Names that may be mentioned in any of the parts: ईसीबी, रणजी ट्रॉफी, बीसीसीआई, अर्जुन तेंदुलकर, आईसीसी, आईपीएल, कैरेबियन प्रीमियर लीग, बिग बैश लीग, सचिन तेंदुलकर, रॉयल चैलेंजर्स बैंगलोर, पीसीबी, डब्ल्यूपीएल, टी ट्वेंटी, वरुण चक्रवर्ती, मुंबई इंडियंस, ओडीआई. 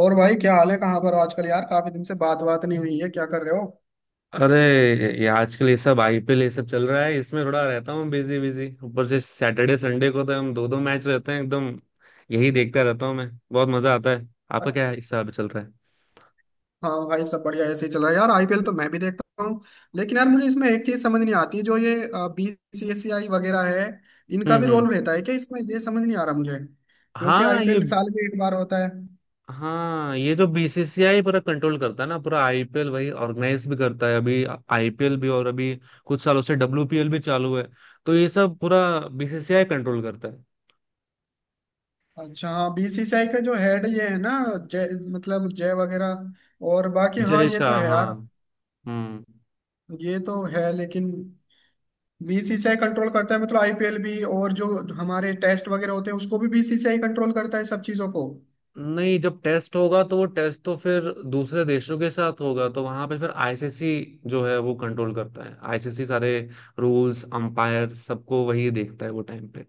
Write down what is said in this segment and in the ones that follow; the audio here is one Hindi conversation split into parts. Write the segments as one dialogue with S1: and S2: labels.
S1: और भाई क्या हाल है? कहाँ पर हो आजकल यार? काफी दिन से बात बात नहीं हुई है। क्या कर रहे हो?
S2: अरे, ये आजकल ये सब आईपीएल ये सब चल रहा है। इसमें थोड़ा रहता हूँ बिजी बिजी। ऊपर से सैटरडे संडे को तो हम दो दो मैच रहते हैं एकदम। यही देखता रहता हूँ मैं। बहुत मजा आता है। आपका
S1: अ-
S2: क्या हिसाब चल रहा है?
S1: हाँ भाई, सब बढ़िया ऐसे ही चल रहा है यार। आईपीएल तो मैं भी देखता हूँ, लेकिन यार मुझे इसमें एक चीज समझ नहीं आती। जो ये बीसीसीआई वगैरह है, इनका
S2: हम्म।
S1: भी
S2: हम्म।
S1: रोल रहता है क्या इसमें? ये समझ नहीं आ रहा मुझे, क्योंकि
S2: हाँ ये
S1: आईपीएल साल में एक बार होता है।
S2: हाँ, ये जो बीसीसीआई पूरा कंट्रोल करता है ना, पूरा आईपीएल वही ऑर्गेनाइज भी करता है। अभी आईपीएल भी, और अभी कुछ सालों से डब्ल्यूपीएल भी चालू है। तो ये सब पूरा बीसीसीआई कंट्रोल करता है।
S1: अच्छा, हाँ, बीसीसीआई का जो हेड ये है ना, जय, मतलब जय वगैरह और बाकी। हाँ,
S2: जय
S1: ये तो
S2: शाह।
S1: है
S2: हाँ।
S1: यार।
S2: हम्म।
S1: ये तो है, लेकिन बीसीसीआई कंट्रोल करता है मतलब आईपीएल भी, और जो हमारे टेस्ट वगैरह होते हैं उसको भी बीसीसीआई कंट्रोल करता है, सब चीजों को।
S2: नहीं, जब टेस्ट होगा तो वो टेस्ट तो फिर दूसरे देशों के साथ होगा, तो वहां पे फिर आईसीसी जो है वो कंट्रोल करता है। आईसीसी सारे रूल्स, अंपायर, सबको वही देखता है वो टाइम पे,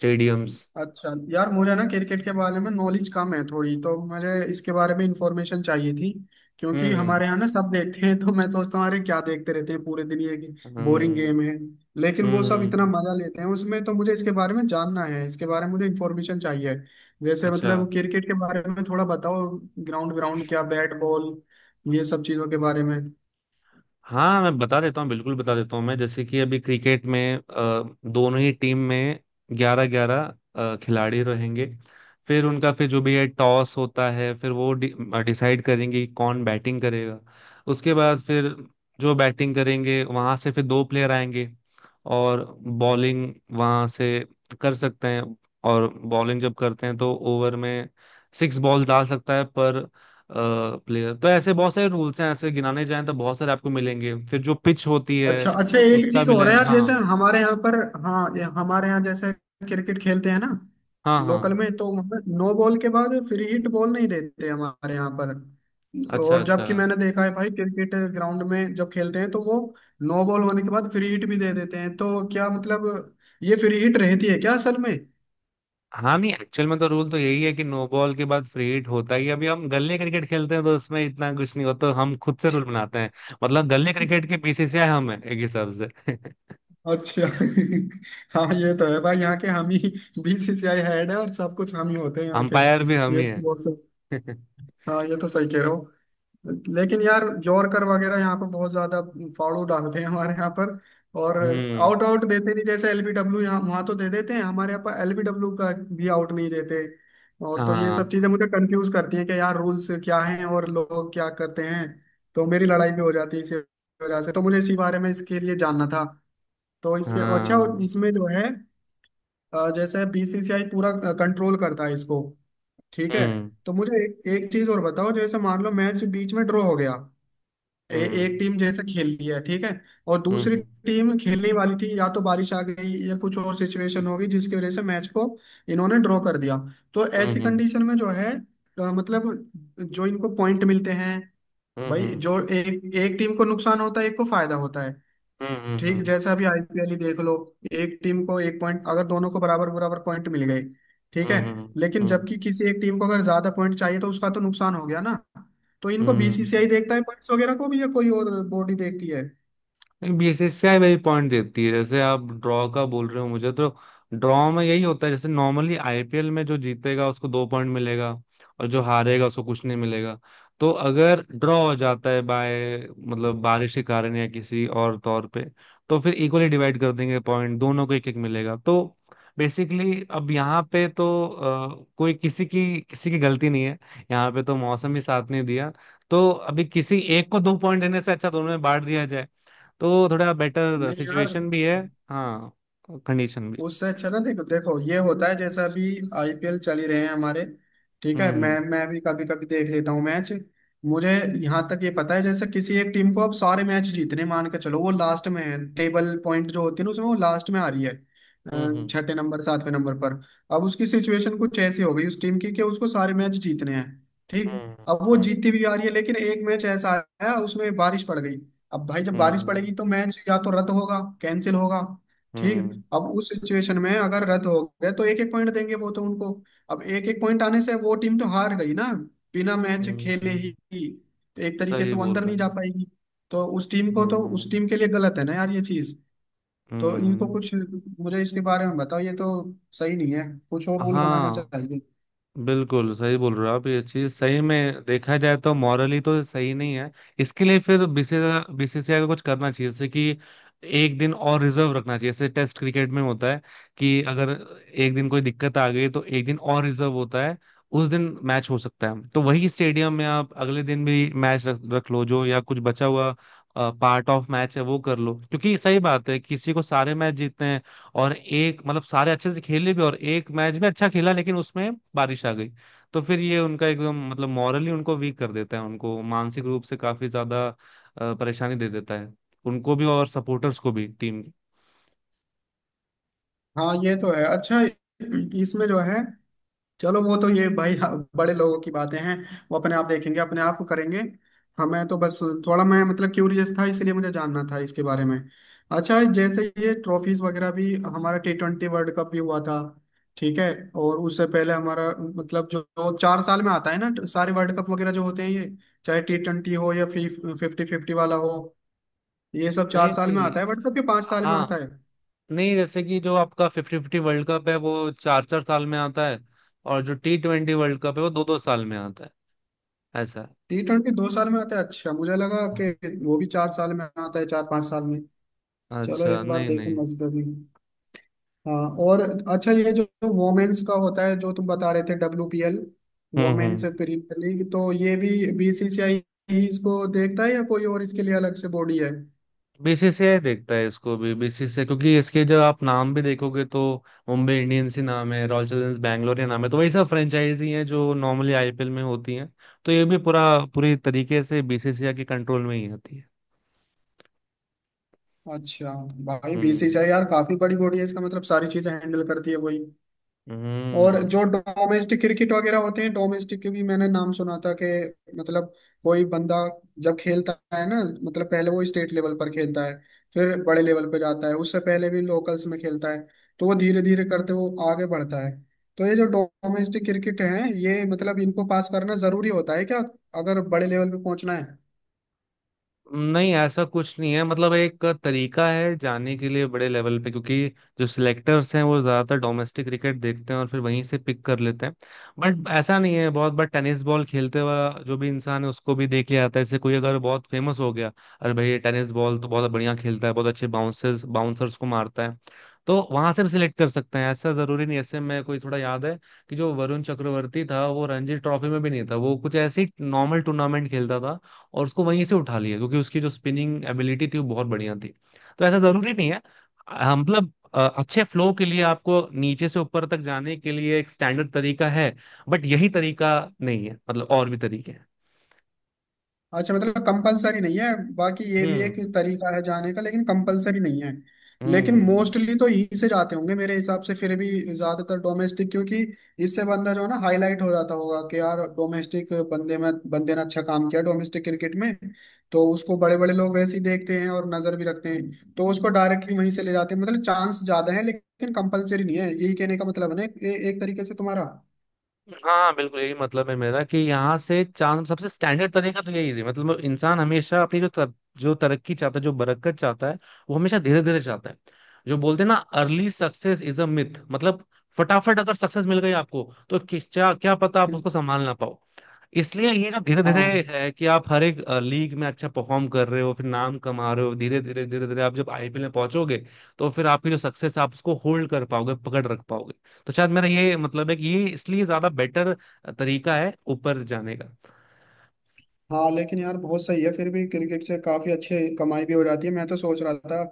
S2: स्टेडियम्स।
S1: अच्छा यार, मुझे ना क्रिकेट के बारे में नॉलेज कम है थोड़ी, तो मुझे इसके बारे में इंफॉर्मेशन चाहिए थी। क्योंकि
S2: हम्म।
S1: हमारे यहाँ ना सब देखते हैं, तो मैं सोचता हूँ, अरे क्या देखते रहते हैं पूरे दिन, ये बोरिंग
S2: हम्म।
S1: गेम है। लेकिन वो
S2: हम्म।
S1: सब इतना
S2: हम्म।
S1: मजा लेते हैं उसमें, तो मुझे इसके बारे में जानना है, इसके बारे में मुझे इंफॉर्मेशन चाहिए। जैसे
S2: अच्छा।
S1: मतलब क्रिकेट के बारे में थोड़ा बताओ। ग्राउंड, ग्राउंड क्या, बैट बॉल, ये सब चीजों के बारे में।
S2: हाँ, मैं बता देता हूँ, बिल्कुल बता देता हूँ मैं। जैसे कि अभी क्रिकेट में दोनों ही टीम में 11 11 खिलाड़ी रहेंगे। फिर उनका फिर जो भी है टॉस होता है, फिर वो डिसाइड करेंगे कि कौन बैटिंग करेगा। उसके बाद फिर जो बैटिंग करेंगे वहां से फिर दो प्लेयर आएंगे और बॉलिंग वहां से कर सकते हैं। और बॉलिंग जब करते हैं तो ओवर में सिक्स बॉल डाल सकता है पर प्लेयर। तो ऐसे बहुत सारे रूल्स हैं, ऐसे गिनाने जाएं तो बहुत सारे आपको मिलेंगे। फिर जो पिच होती
S1: अच्छा
S2: है
S1: अच्छा, एक
S2: उसका
S1: चीज
S2: भी
S1: और है
S2: लेंथ।
S1: यार,
S2: हाँ।
S1: जैसे हमारे यहाँ पर, हाँ, ये हमारे यहाँ जैसे क्रिकेट खेलते हैं ना,
S2: हाँ। हाँ।
S1: लोकल में, तो वहाँ नो बॉल के बाद फ्री हिट बॉल नहीं देते हमारे यहाँ पर।
S2: अच्छा।
S1: और
S2: अच्छा।
S1: जबकि मैंने देखा है भाई, क्रिकेट ग्राउंड में जब खेलते हैं तो वो नो बॉल होने के बाद फ्री हिट भी दे देते हैं। तो क्या मतलब, ये फ्री हिट रहती है क्या असल में?
S2: हाँ, नहीं, एक्चुअल में तो रूल तो यही है कि नो बॉल के बाद फ्री हिट होता ही है। अभी हम गल्ले क्रिकेट खेलते हैं तो उसमें इतना कुछ नहीं होता, हम खुद से रूल बनाते हैं। मतलब गल्ले क्रिकेट के बीसीसीआई हम है एक हिसाब से।
S1: अच्छा हाँ, ये तो है भाई, यहाँ के हम ही बीसीसीआई हेड है और सब कुछ हम ही होते हैं यहाँ के।
S2: अंपायर भी हम
S1: ये
S2: ही है।
S1: तो बहुत सही- हाँ, ये तो सही कह रहे हो। लेकिन यार यॉर्कर वगैरह यहाँ पर बहुत ज्यादा फाड़ू डालते हैं हमारे यहाँ पर। और
S2: हम्म।
S1: आउट आउट देते नहीं, जैसे एलबीडब्ल्यू यहाँ वहां तो दे देते हैं, हमारे यहाँ पर एलबीडब्ल्यू का भी आउट नहीं देते। और तो ये
S2: हाँ।
S1: सब चीजें मुझे कंफ्यूज करती हैं कि यार रूल्स क्या हैं और लोग क्या करते हैं। तो मेरी लड़ाई भी हो जाती है इसी वजह से, तो मुझे इसी बारे में, इसके लिए जानना था। तो इसके, अच्छा,
S2: हाँ।
S1: इसमें जो है जैसे बीसीसीआई पूरा कंट्रोल करता है इसको, ठीक है।
S2: हम्म।
S1: तो मुझे एक चीज और बताओ। जैसे मान लो मैच बीच में ड्रॉ हो गया, ए, एक
S2: हम्म।
S1: टीम जैसे खेल रही है ठीक है, और दूसरी
S2: हम्म।
S1: टीम खेलने वाली थी, या तो बारिश आ गई या कुछ और सिचुएशन हो गई, जिसकी वजह से मैच को इन्होंने ड्रॉ कर दिया। तो
S2: हम्म।
S1: ऐसी
S2: हम्म। हम्म।
S1: कंडीशन में जो है, मतलब जो इनको पॉइंट मिलते हैं, भाई
S2: हम्म।
S1: जो एक एक टीम को नुकसान होता है, एक को फायदा होता है।
S2: हम्म। हम्म।
S1: ठीक,
S2: हम्म।
S1: जैसे अभी आईपीएल ही देख लो, एक टीम को एक पॉइंट, अगर दोनों को बराबर बराबर पॉइंट मिल गए ठीक है,
S2: हम्म। हम्म।
S1: लेकिन
S2: हम्म।
S1: जबकि किसी एक टीम को अगर ज्यादा पॉइंट चाहिए तो उसका तो नुकसान हो गया ना। तो इनको
S2: हम्म।
S1: बीसीसीआई देखता है, पॉइंट्स वगैरह को भी, या कोई और बॉडी देखती है?
S2: बीसीसीआई वही पॉइंट देती है। जैसे आप ड्रॉ का बोल रहे हो मुझे तो, ड्रॉ में यही होता है। जैसे नॉर्मली आईपीएल में जो जीतेगा उसको 2 पॉइंट मिलेगा, और जो हारेगा उसको कुछ नहीं मिलेगा। तो अगर ड्रॉ हो जाता है बाय, मतलब बारिश के कारण या किसी और तौर पे, तो फिर इक्वली डिवाइड कर देंगे पॉइंट, दोनों को 1 1 मिलेगा। तो बेसिकली अब यहाँ पे तो कोई किसी की गलती नहीं है, यहाँ पे तो मौसम ही साथ नहीं दिया। तो अभी किसी एक को 2 पॉइंट देने से अच्छा दोनों में बांट दिया, तो थोड़ा बेटर
S1: नहीं यार,
S2: सिचुएशन भी है। हाँ, कंडीशन भी।
S1: उससे अच्छा ना, देखो देखो ये होता है, जैसे अभी आईपीएल चल ही रहे हैं हमारे, ठीक है।
S2: हम्म।
S1: मैं भी कभी कभी देख लेता हूँ मैच। मुझे यहाँ तक ये पता है, जैसे किसी एक टीम को अब सारे मैच जीतने, मान के चलो वो लास्ट में है, टेबल पॉइंट जो होती है ना उसमें वो लास्ट में आ रही है,
S2: हम्म।
S1: छठे नंबर सातवें नंबर पर। अब उसकी सिचुएशन कुछ ऐसी हो गई उस टीम की कि उसको सारे मैच जीतने हैं, ठीक।
S2: हम्म।
S1: अब वो
S2: हम्म।
S1: जीतती भी आ रही है, लेकिन एक मैच ऐसा आया उसमें बारिश पड़ गई। अब भाई जब बारिश
S2: हम्म।
S1: पड़ेगी तो मैच या तो रद्द होगा, कैंसिल होगा, ठीक।
S2: हम्म। हम्म।
S1: अब उस सिचुएशन में अगर रद्द हो गए तो एक एक पॉइंट देंगे वो तो उनको। अब एक एक पॉइंट आने से वो टीम तो हार गई ना, बिना मैच
S2: हम्म।
S1: खेले
S2: हम्म।
S1: ही। तो एक तरीके
S2: सही
S1: से वो
S2: बोल
S1: अंदर
S2: रहे
S1: नहीं जा
S2: हैं।
S1: पाएगी। तो उस टीम को तो, उस
S2: हम्म।
S1: टीम के लिए गलत है ना यार ये चीज। तो इनको
S2: हम्म।
S1: कुछ, मुझे इसके बारे में बताओ, ये तो सही नहीं है, कुछ और रूल बनाना
S2: हाँ,
S1: चाहिए।
S2: बिल्कुल सही बोल रहे हो आप। ये चीज सही में देखा जाए तो मॉरली तो सही नहीं है। इसके लिए फिर बीसीसीआई बीसीसीआई को कुछ करना चाहिए, जैसे कि एक दिन और रिजर्व रखना चाहिए, जैसे टेस्ट क्रिकेट में होता है कि अगर एक दिन कोई दिक्कत आ गई तो एक दिन और रिजर्व होता है, उस दिन मैच हो सकता है। तो वही स्टेडियम में आप अगले दिन भी मैच रख लो, जो या कुछ बचा हुआ पार्ट ऑफ मैच है वो कर लो, क्योंकि सही बात है, किसी को सारे मैच जीतने हैं। और एक मतलब सारे अच्छे से खेले भी, और एक मैच में अच्छा खेला लेकिन उसमें बारिश आ गई, तो फिर ये उनका एकदम मतलब मॉरली उनको वीक कर देता है, उनको मानसिक रूप से काफी ज्यादा परेशानी दे देता है, उनको भी और सपोर्टर्स को भी, टीम।
S1: हाँ ये तो है। अच्छा, इसमें जो है, चलो वो तो ये भाई, हाँ, बड़े लोगों की बातें हैं, वो अपने आप देखेंगे अपने आप करेंगे। हमें तो बस, थोड़ा मैं मतलब क्यूरियस था, इसलिए मुझे जानना था इसके बारे में। अच्छा, जैसे ये ट्रॉफीज वगैरह भी, हमारा टी ट्वेंटी वर्ल्ड कप भी हुआ था, ठीक है। और उससे पहले हमारा मतलब जो 4 साल में आता है ना सारे वर्ल्ड कप वगैरह जो होते हैं ये, चाहे टी ट्वेंटी हो या फिफ्टी फिफ्टी वाला हो, ये सब चार
S2: नहीं
S1: साल में
S2: नहीं।
S1: आता है। वर्ल्ड कप ये 5 साल में आता
S2: हाँ,
S1: है।
S2: नहीं, जैसे कि जो आपका 50 50 वर्ल्ड कप है वो 4 4 साल में आता है। और जो T20 वर्ल्ड कप है वो 2 2 साल में आता है, ऐसा
S1: टी ट्वेंटी 2 साल में आता है, अच्छा, मुझे लगा
S2: है।
S1: कि वो भी चार साल में आता है, चार पाँच साल में। चलो
S2: अच्छा,
S1: एक बार
S2: नहीं नहीं।
S1: देखूंगा इसका भी। हाँ, और अच्छा, ये जो वोमेन्स का होता है जो तुम बता रहे थे, WPL,
S2: हम्म।
S1: वोमेन्स
S2: हम्म।
S1: प्रीमियर लीग, तो ये भी बीसीसीआई ही इसको देखता है, या कोई और इसके लिए अलग से बॉडी है?
S2: बीसीसीआई देखता है इसको भी बीसीसीआई, क्योंकि इसके जब आप नाम भी देखोगे तो मुंबई इंडियंस ही नाम है, रॉयल चैलेंजर्स बैंगलोर ही नाम है। तो वही सब फ्रेंचाइजी हैं जो नॉर्मली आईपीएल में होती हैं। तो ये भी पूरा, पूरी तरीके से बीसीसीआई के कंट्रोल में ही होती है।
S1: अच्छा। भाई
S2: हम्म।
S1: बीसीसीआई यार काफी बड़ी बॉडी है, इसका मतलब सारी चीजें हैंडल करती है वही। और
S2: हम्म।
S1: जो डोमेस्टिक क्रिकेट वगैरह होते हैं, डोमेस्टिक के भी मैंने नाम सुना था कि, मतलब कोई बंदा जब खेलता है ना, मतलब पहले वो स्टेट लेवल पर खेलता है, फिर बड़े लेवल पर जाता है, उससे पहले भी लोकल्स में खेलता है। तो वो धीरे धीरे करते वो आगे बढ़ता है। तो ये जो डोमेस्टिक क्रिकेट है, ये मतलब इनको पास करना जरूरी होता है क्या, अगर बड़े लेवल पे पहुंचना है?
S2: नहीं, ऐसा कुछ नहीं है, मतलब एक तरीका है जाने के लिए बड़े लेवल पे। क्योंकि जो सिलेक्टर्स हैं वो ज्यादातर डोमेस्टिक क्रिकेट देखते हैं और फिर वहीं से पिक कर लेते हैं। बट ऐसा नहीं है, बहुत बार टेनिस बॉल खेलते हुआ जो भी इंसान है उसको भी देख लिया जाता है। जैसे कोई अगर बहुत फेमस हो गया, अरे भाई ये टेनिस बॉल तो बहुत बढ़िया खेलता है, बहुत अच्छे बाउंसर्स बाउंसर्स को मारता है, तो वहां से भी सिलेक्ट कर सकते हैं। ऐसा जरूरी नहीं, ऐसे मैं कोई थोड़ा याद है कि जो वरुण चक्रवर्ती था वो रणजी ट्रॉफी में भी नहीं था, वो कुछ ऐसे ही नॉर्मल टूर्नामेंट खेलता था और उसको वहीं से उठा लिया क्योंकि उसकी जो स्पिनिंग एबिलिटी थी वो बहुत बढ़िया थी। तो ऐसा जरूरी नहीं है। मतलब अच्छे फ्लो के लिए आपको नीचे से ऊपर तक जाने के लिए एक स्टैंडर्ड तरीका है। बट यही तरीका नहीं है, मतलब और भी तरीके हैं।
S1: अच्छा, मतलब कंपलसरी नहीं है। बाकी ये भी
S2: हम्म।
S1: एक तरीका है जाने का, लेकिन कंपलसरी नहीं है।
S2: हम्म। हम्म।
S1: लेकिन
S2: हम्म।
S1: मोस्टली तो ई से जाते होंगे मेरे हिसाब से फिर भी, ज्यादातर डोमेस्टिक, क्योंकि इससे बंदा जो है ना हाईलाइट हो जाता होगा कि यार डोमेस्टिक बंदे ने अच्छा काम किया डोमेस्टिक क्रिकेट में। तो उसको बड़े बड़े लोग वैसे ही देखते हैं और नजर भी रखते हैं, तो उसको डायरेक्टली वहीं से ले जाते हैं। मतलब चांस ज्यादा है लेकिन कंपलसरी नहीं है, यही कहने का मतलब है ना, एक तरीके से तुम्हारा।
S2: हाँ, हाँ, बिल्कुल यही मतलब है मेरा कि यहाँ से चांद सबसे स्टैंडर्ड तरीका तो यही है। मतलब इंसान हमेशा अपनी जो जो तरक्की चाहता है, जो बरकत चाहता है, वो हमेशा धीरे धीरे चाहता है। जो बोलते हैं ना early success is a myth, मतलब फटाफट अगर सक्सेस मिल गई आपको तो क्या क्या पता आप उसको संभाल ना पाओ। इसलिए ये ना धीरे धीरे
S1: हाँ
S2: है कि आप हर एक लीग में अच्छा परफॉर्म कर रहे हो, फिर नाम कमा रहे हो धीरे धीरे धीरे धीरे, आप जब आईपीएल में पहुंचोगे तो फिर आपकी जो सक्सेस है आप उसको होल्ड कर पाओगे, पकड़ रख पाओगे। तो शायद मेरा ये मतलब है कि ये इसलिए ज्यादा बेटर तरीका है ऊपर जाने
S1: हाँ, लेकिन यार बहुत सही है, फिर भी क्रिकेट से काफी अच्छे कमाई भी हो जाती है। मैं तो सोच रहा था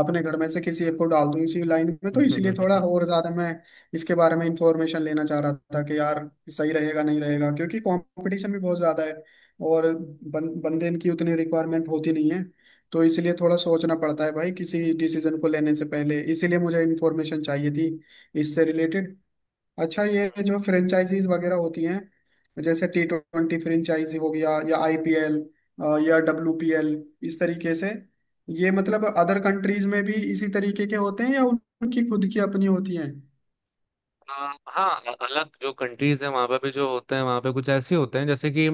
S1: अपने घर में से किसी एक को डाल दूं इसी लाइन में, तो इसलिए थोड़ा
S2: का।
S1: और ज्यादा मैं इसके बारे में इंफॉर्मेशन लेना चाह रहा था कि यार सही रहेगा नहीं रहेगा, क्योंकि कंपटीशन भी बहुत ज्यादा है। और बंदे की उतनी रिक्वायरमेंट होती नहीं है। तो इसलिए थोड़ा सोचना पड़ता है भाई किसी डिसीजन को लेने से पहले, इसीलिए मुझे इन्फॉर्मेशन चाहिए थी इससे रिलेटेड। अच्छा ये जो फ्रेंचाइजीज वगैरह होती हैं, जैसे टी ट्वेंटी फ्रेंचाइजी हो गया, या आईपीएल या डब्ल्यूपीएल, इस तरीके से, ये मतलब अदर कंट्रीज में भी इसी तरीके के होते हैं, या उनकी खुद की अपनी होती हैं?
S2: हाँ, अलग जो कंट्रीज है वहां पे भी जो होते हैं, वहां पे कुछ ऐसे होते हैं जैसे कि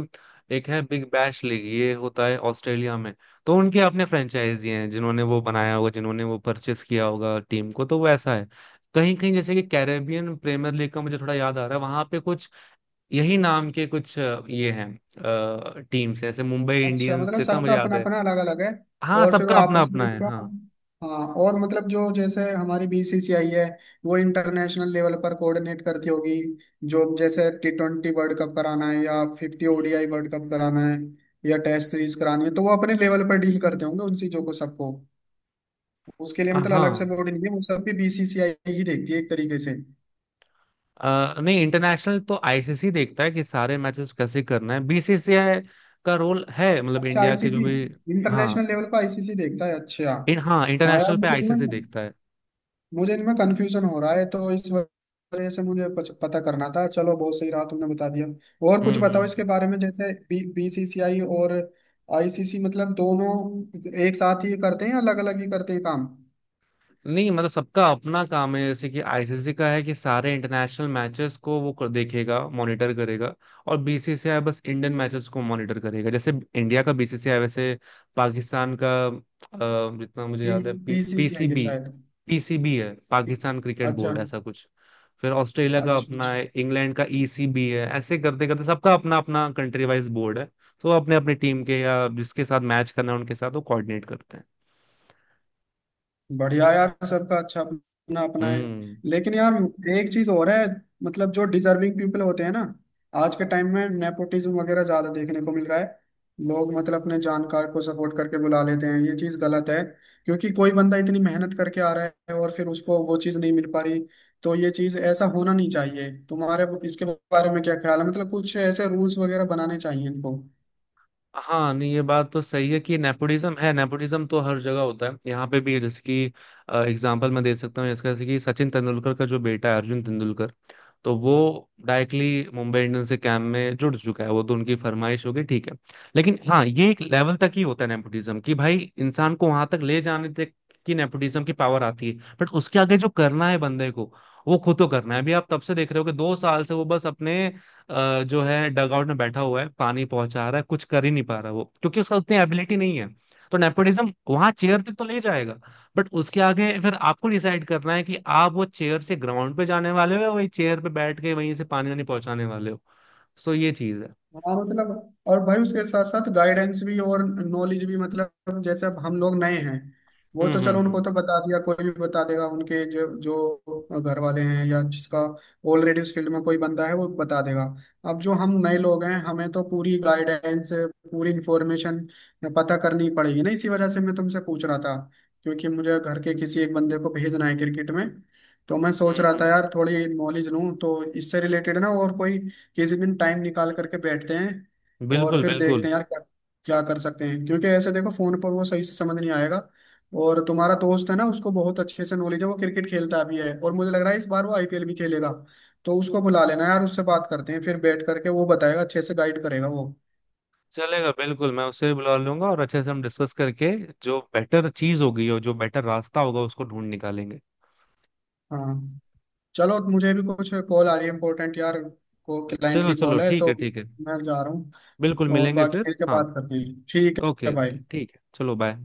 S2: एक है बिग बैश लीग, ये होता है ऑस्ट्रेलिया में। तो उनके अपने फ्रेंचाइजी हैं जिन्होंने वो बनाया होगा, जिन्होंने वो परचेस किया होगा टीम को, तो वो ऐसा है। कहीं कहीं जैसे कि कैरेबियन प्रीमियर लीग का मुझे थोड़ा याद आ रहा है, वहां पे कुछ यही नाम के कुछ ये हैं, टीम्स हैं, जैसे मुंबई
S1: अच्छा,
S2: इंडियंस,
S1: मतलब
S2: जितना मुझे
S1: सबका
S2: याद
S1: अपना
S2: है।
S1: अपना अलग अलग है।
S2: हाँ,
S1: और फिर वो
S2: सबका अपना
S1: आपस में
S2: अपना है,
S1: इनका,
S2: हाँ।
S1: हाँ, और मतलब जो जैसे हमारी बीसीसीआई है, वो इंटरनेशनल लेवल पर कोऑर्डिनेट करती होगी, जो जैसे टी ट्वेंटी वर्ल्ड कप कराना है, या फिफ्टी ओडीआई वर्ल्ड कप कराना है, या टेस्ट सीरीज करानी है, तो वो अपने लेवल पर डील करते होंगे उन चीजों को सबको। उसके लिए मतलब अलग से
S2: हाँ,
S1: बोर्ड नहीं है, वो सब भी बीसीसीआई ही देखती है एक तरीके से।
S2: नहीं, इंटरनेशनल तो आईसीसी देखता है कि सारे मैचेस कैसे करना है। बीसीसीआई का रोल है मतलब
S1: अच्छा,
S2: इंडिया के जो
S1: आईसीसी,
S2: भी।
S1: इंटरनेशनल
S2: हाँ,
S1: लेवल पर आईसीसी देखता है, अच्छा।
S2: हाँ,
S1: हाँ यार,
S2: इंटरनेशनल पे
S1: मुझे इनमें
S2: आईसीसी देखता है।
S1: मुझे इनमें कंफ्यूजन हो रहा है, तो इस वजह से मुझे पता करना था। चलो बहुत सही रहा, तुमने बता दिया। और
S2: हम्म।
S1: कुछ बताओ
S2: हम्म।
S1: इसके बारे में, जैसे बी बीसीसीआई और आईसीसी, मतलब दोनों एक साथ ही करते हैं या अलग अलग ही करते हैं काम?
S2: नहीं, मतलब सबका अपना काम है, जैसे कि आईसीसी का है कि सारे इंटरनेशनल मैचेस को वो देखेगा, मॉनिटर करेगा। और बीसीसीआई बस इंडियन मैचेस को मॉनिटर करेगा, जैसे इंडिया का बीसीसीआई, वैसे पाकिस्तान का जितना मुझे
S1: बी
S2: याद है
S1: बीसीसीआई है
S2: पीसीबी
S1: शायद।
S2: पीसीबी है, पाकिस्तान क्रिकेट
S1: अच्छा
S2: बोर्ड ऐसा कुछ। फिर ऑस्ट्रेलिया का
S1: अच्छा
S2: अपना
S1: अच्छा।
S2: है, इंग्लैंड का ईसीबी है, ऐसे करते करते सबका अपना अपना कंट्री वाइज बोर्ड है। तो वो अपने अपने टीम के या जिसके साथ मैच करना है उनके साथ वो कोऑर्डिनेट करते हैं।
S1: बढ़िया यार, सबका अच्छा अपना अपना है।
S2: हम्म।
S1: लेकिन यार एक चीज और है, मतलब जो डिजर्विंग पीपल होते हैं ना। आज के टाइम में नेपोटिज्म वगैरह ज्यादा देखने को मिल रहा है, लोग मतलब अपने जानकार को सपोर्ट करके बुला लेते हैं। ये चीज गलत है, क्योंकि कोई बंदा इतनी मेहनत करके आ रहा है, और फिर उसको वो चीज नहीं मिल पा रही। तो ये चीज, ऐसा होना नहीं चाहिए। तुम्हारे इसके बारे में क्या ख्याल है, मतलब कुछ ऐसे रूल्स वगैरह बनाने चाहिए इनको?
S2: हाँ, नहीं, ये बात तो सही है कि नेपोटिज्म है। नेपोटिज्म तो हर जगह होता है, यहाँ पे भी है, जैसे कि एग्जांपल मैं दे सकता हूँ इसका। जैसे कि सचिन तेंदुलकर का जो बेटा है, अर्जुन तेंदुलकर, तो वो डायरेक्टली मुंबई इंडियंस के कैंप में जुड़ चुका है, वो तो उनकी फरमाइश होगी, ठीक है। लेकिन हाँ, ये एक लेवल तक ही होता है नेपोटिज्म, कि भाई इंसान को वहां तक ले जाने तक की नेपोटिज्म की पावर आती है। बट उसके आगे जो करना है बंदे को, वो खुद को करना है। अभी आप तब से देख रहे हो कि 2 साल से वो बस अपने जो है डगआउट में बैठा हुआ है, पानी पहुंचा रहा है, कुछ कर ही नहीं पा रहा वो, क्योंकि उसका उतनी एबिलिटी नहीं है। तो नेपोटिज्म वहां चेयर तक तो ले जाएगा, बट उसके आगे फिर आपको डिसाइड करना है कि आप वो चेयर से ग्राउंड पे जाने वाले हो या वही चेयर पे बैठ के वहीं से पानी वानी पहुंचाने वाले हो। सो ये चीज है।
S1: हाँ मतलब, और भाई उसके साथ साथ गाइडेंस भी और नॉलेज भी। मतलब जैसे अब हम लोग नए हैं, वो
S2: हम्म।
S1: तो
S2: हम्म।
S1: चलो
S2: हम्म।
S1: उनको तो बता दिया, कोई भी बता देगा, उनके जो जो घर वाले हैं या जिसका ऑलरेडी उस फील्ड में कोई बंदा है वो बता देगा। अब जो हम नए लोग हैं, हमें तो पूरी गाइडेंस, पूरी इंफॉर्मेशन पता करनी पड़ेगी ना। इसी वजह से मैं तुमसे पूछ रहा था, क्योंकि मुझे घर के किसी एक बंदे को भेजना है क्रिकेट में। तो मैं
S2: हम्म।
S1: सोच रहा
S2: हम्म।
S1: था
S2: हम्म।
S1: यार, थोड़ी नॉलेज लूँ तो इससे रिलेटेड ना। और कोई किसी दिन टाइम निकाल करके बैठते हैं, और
S2: बिल्कुल,
S1: फिर
S2: बिल्कुल।
S1: देखते हैं यार क्या क्या कर सकते हैं, क्योंकि ऐसे देखो फोन पर वो सही से समझ नहीं आएगा। और तुम्हारा दोस्त है ना, उसको बहुत अच्छे से नॉलेज है, वो क्रिकेट खेलता भी है, और मुझे लग रहा है इस बार वो आईपीएल भी खेलेगा। तो उसको बुला लेना यार, उससे बात करते हैं फिर बैठ करके, वो बताएगा अच्छे से, गाइड करेगा वो।
S2: चलेगा, बिल्कुल मैं उससे भी बुला लूंगा और अच्छे से हम डिस्कस करके जो बेटर चीज होगी और जो बेटर रास्ता होगा उसको ढूंढ निकालेंगे।
S1: हाँ, चलो मुझे भी कुछ कॉल आ रही है इंपॉर्टेंट यार, को क्लाइंट
S2: चलो
S1: की
S2: चलो,
S1: कॉल है,
S2: ठीक
S1: तो
S2: है, ठीक है।
S1: मैं जा रहा हूँ।
S2: बिल्कुल,
S1: और
S2: मिलेंगे
S1: बाकी
S2: फिर,
S1: मिलकर
S2: हाँ।
S1: बात करते हैं, ठीक है
S2: ओके ओके,
S1: भाई।
S2: ठीक है, चलो बाय।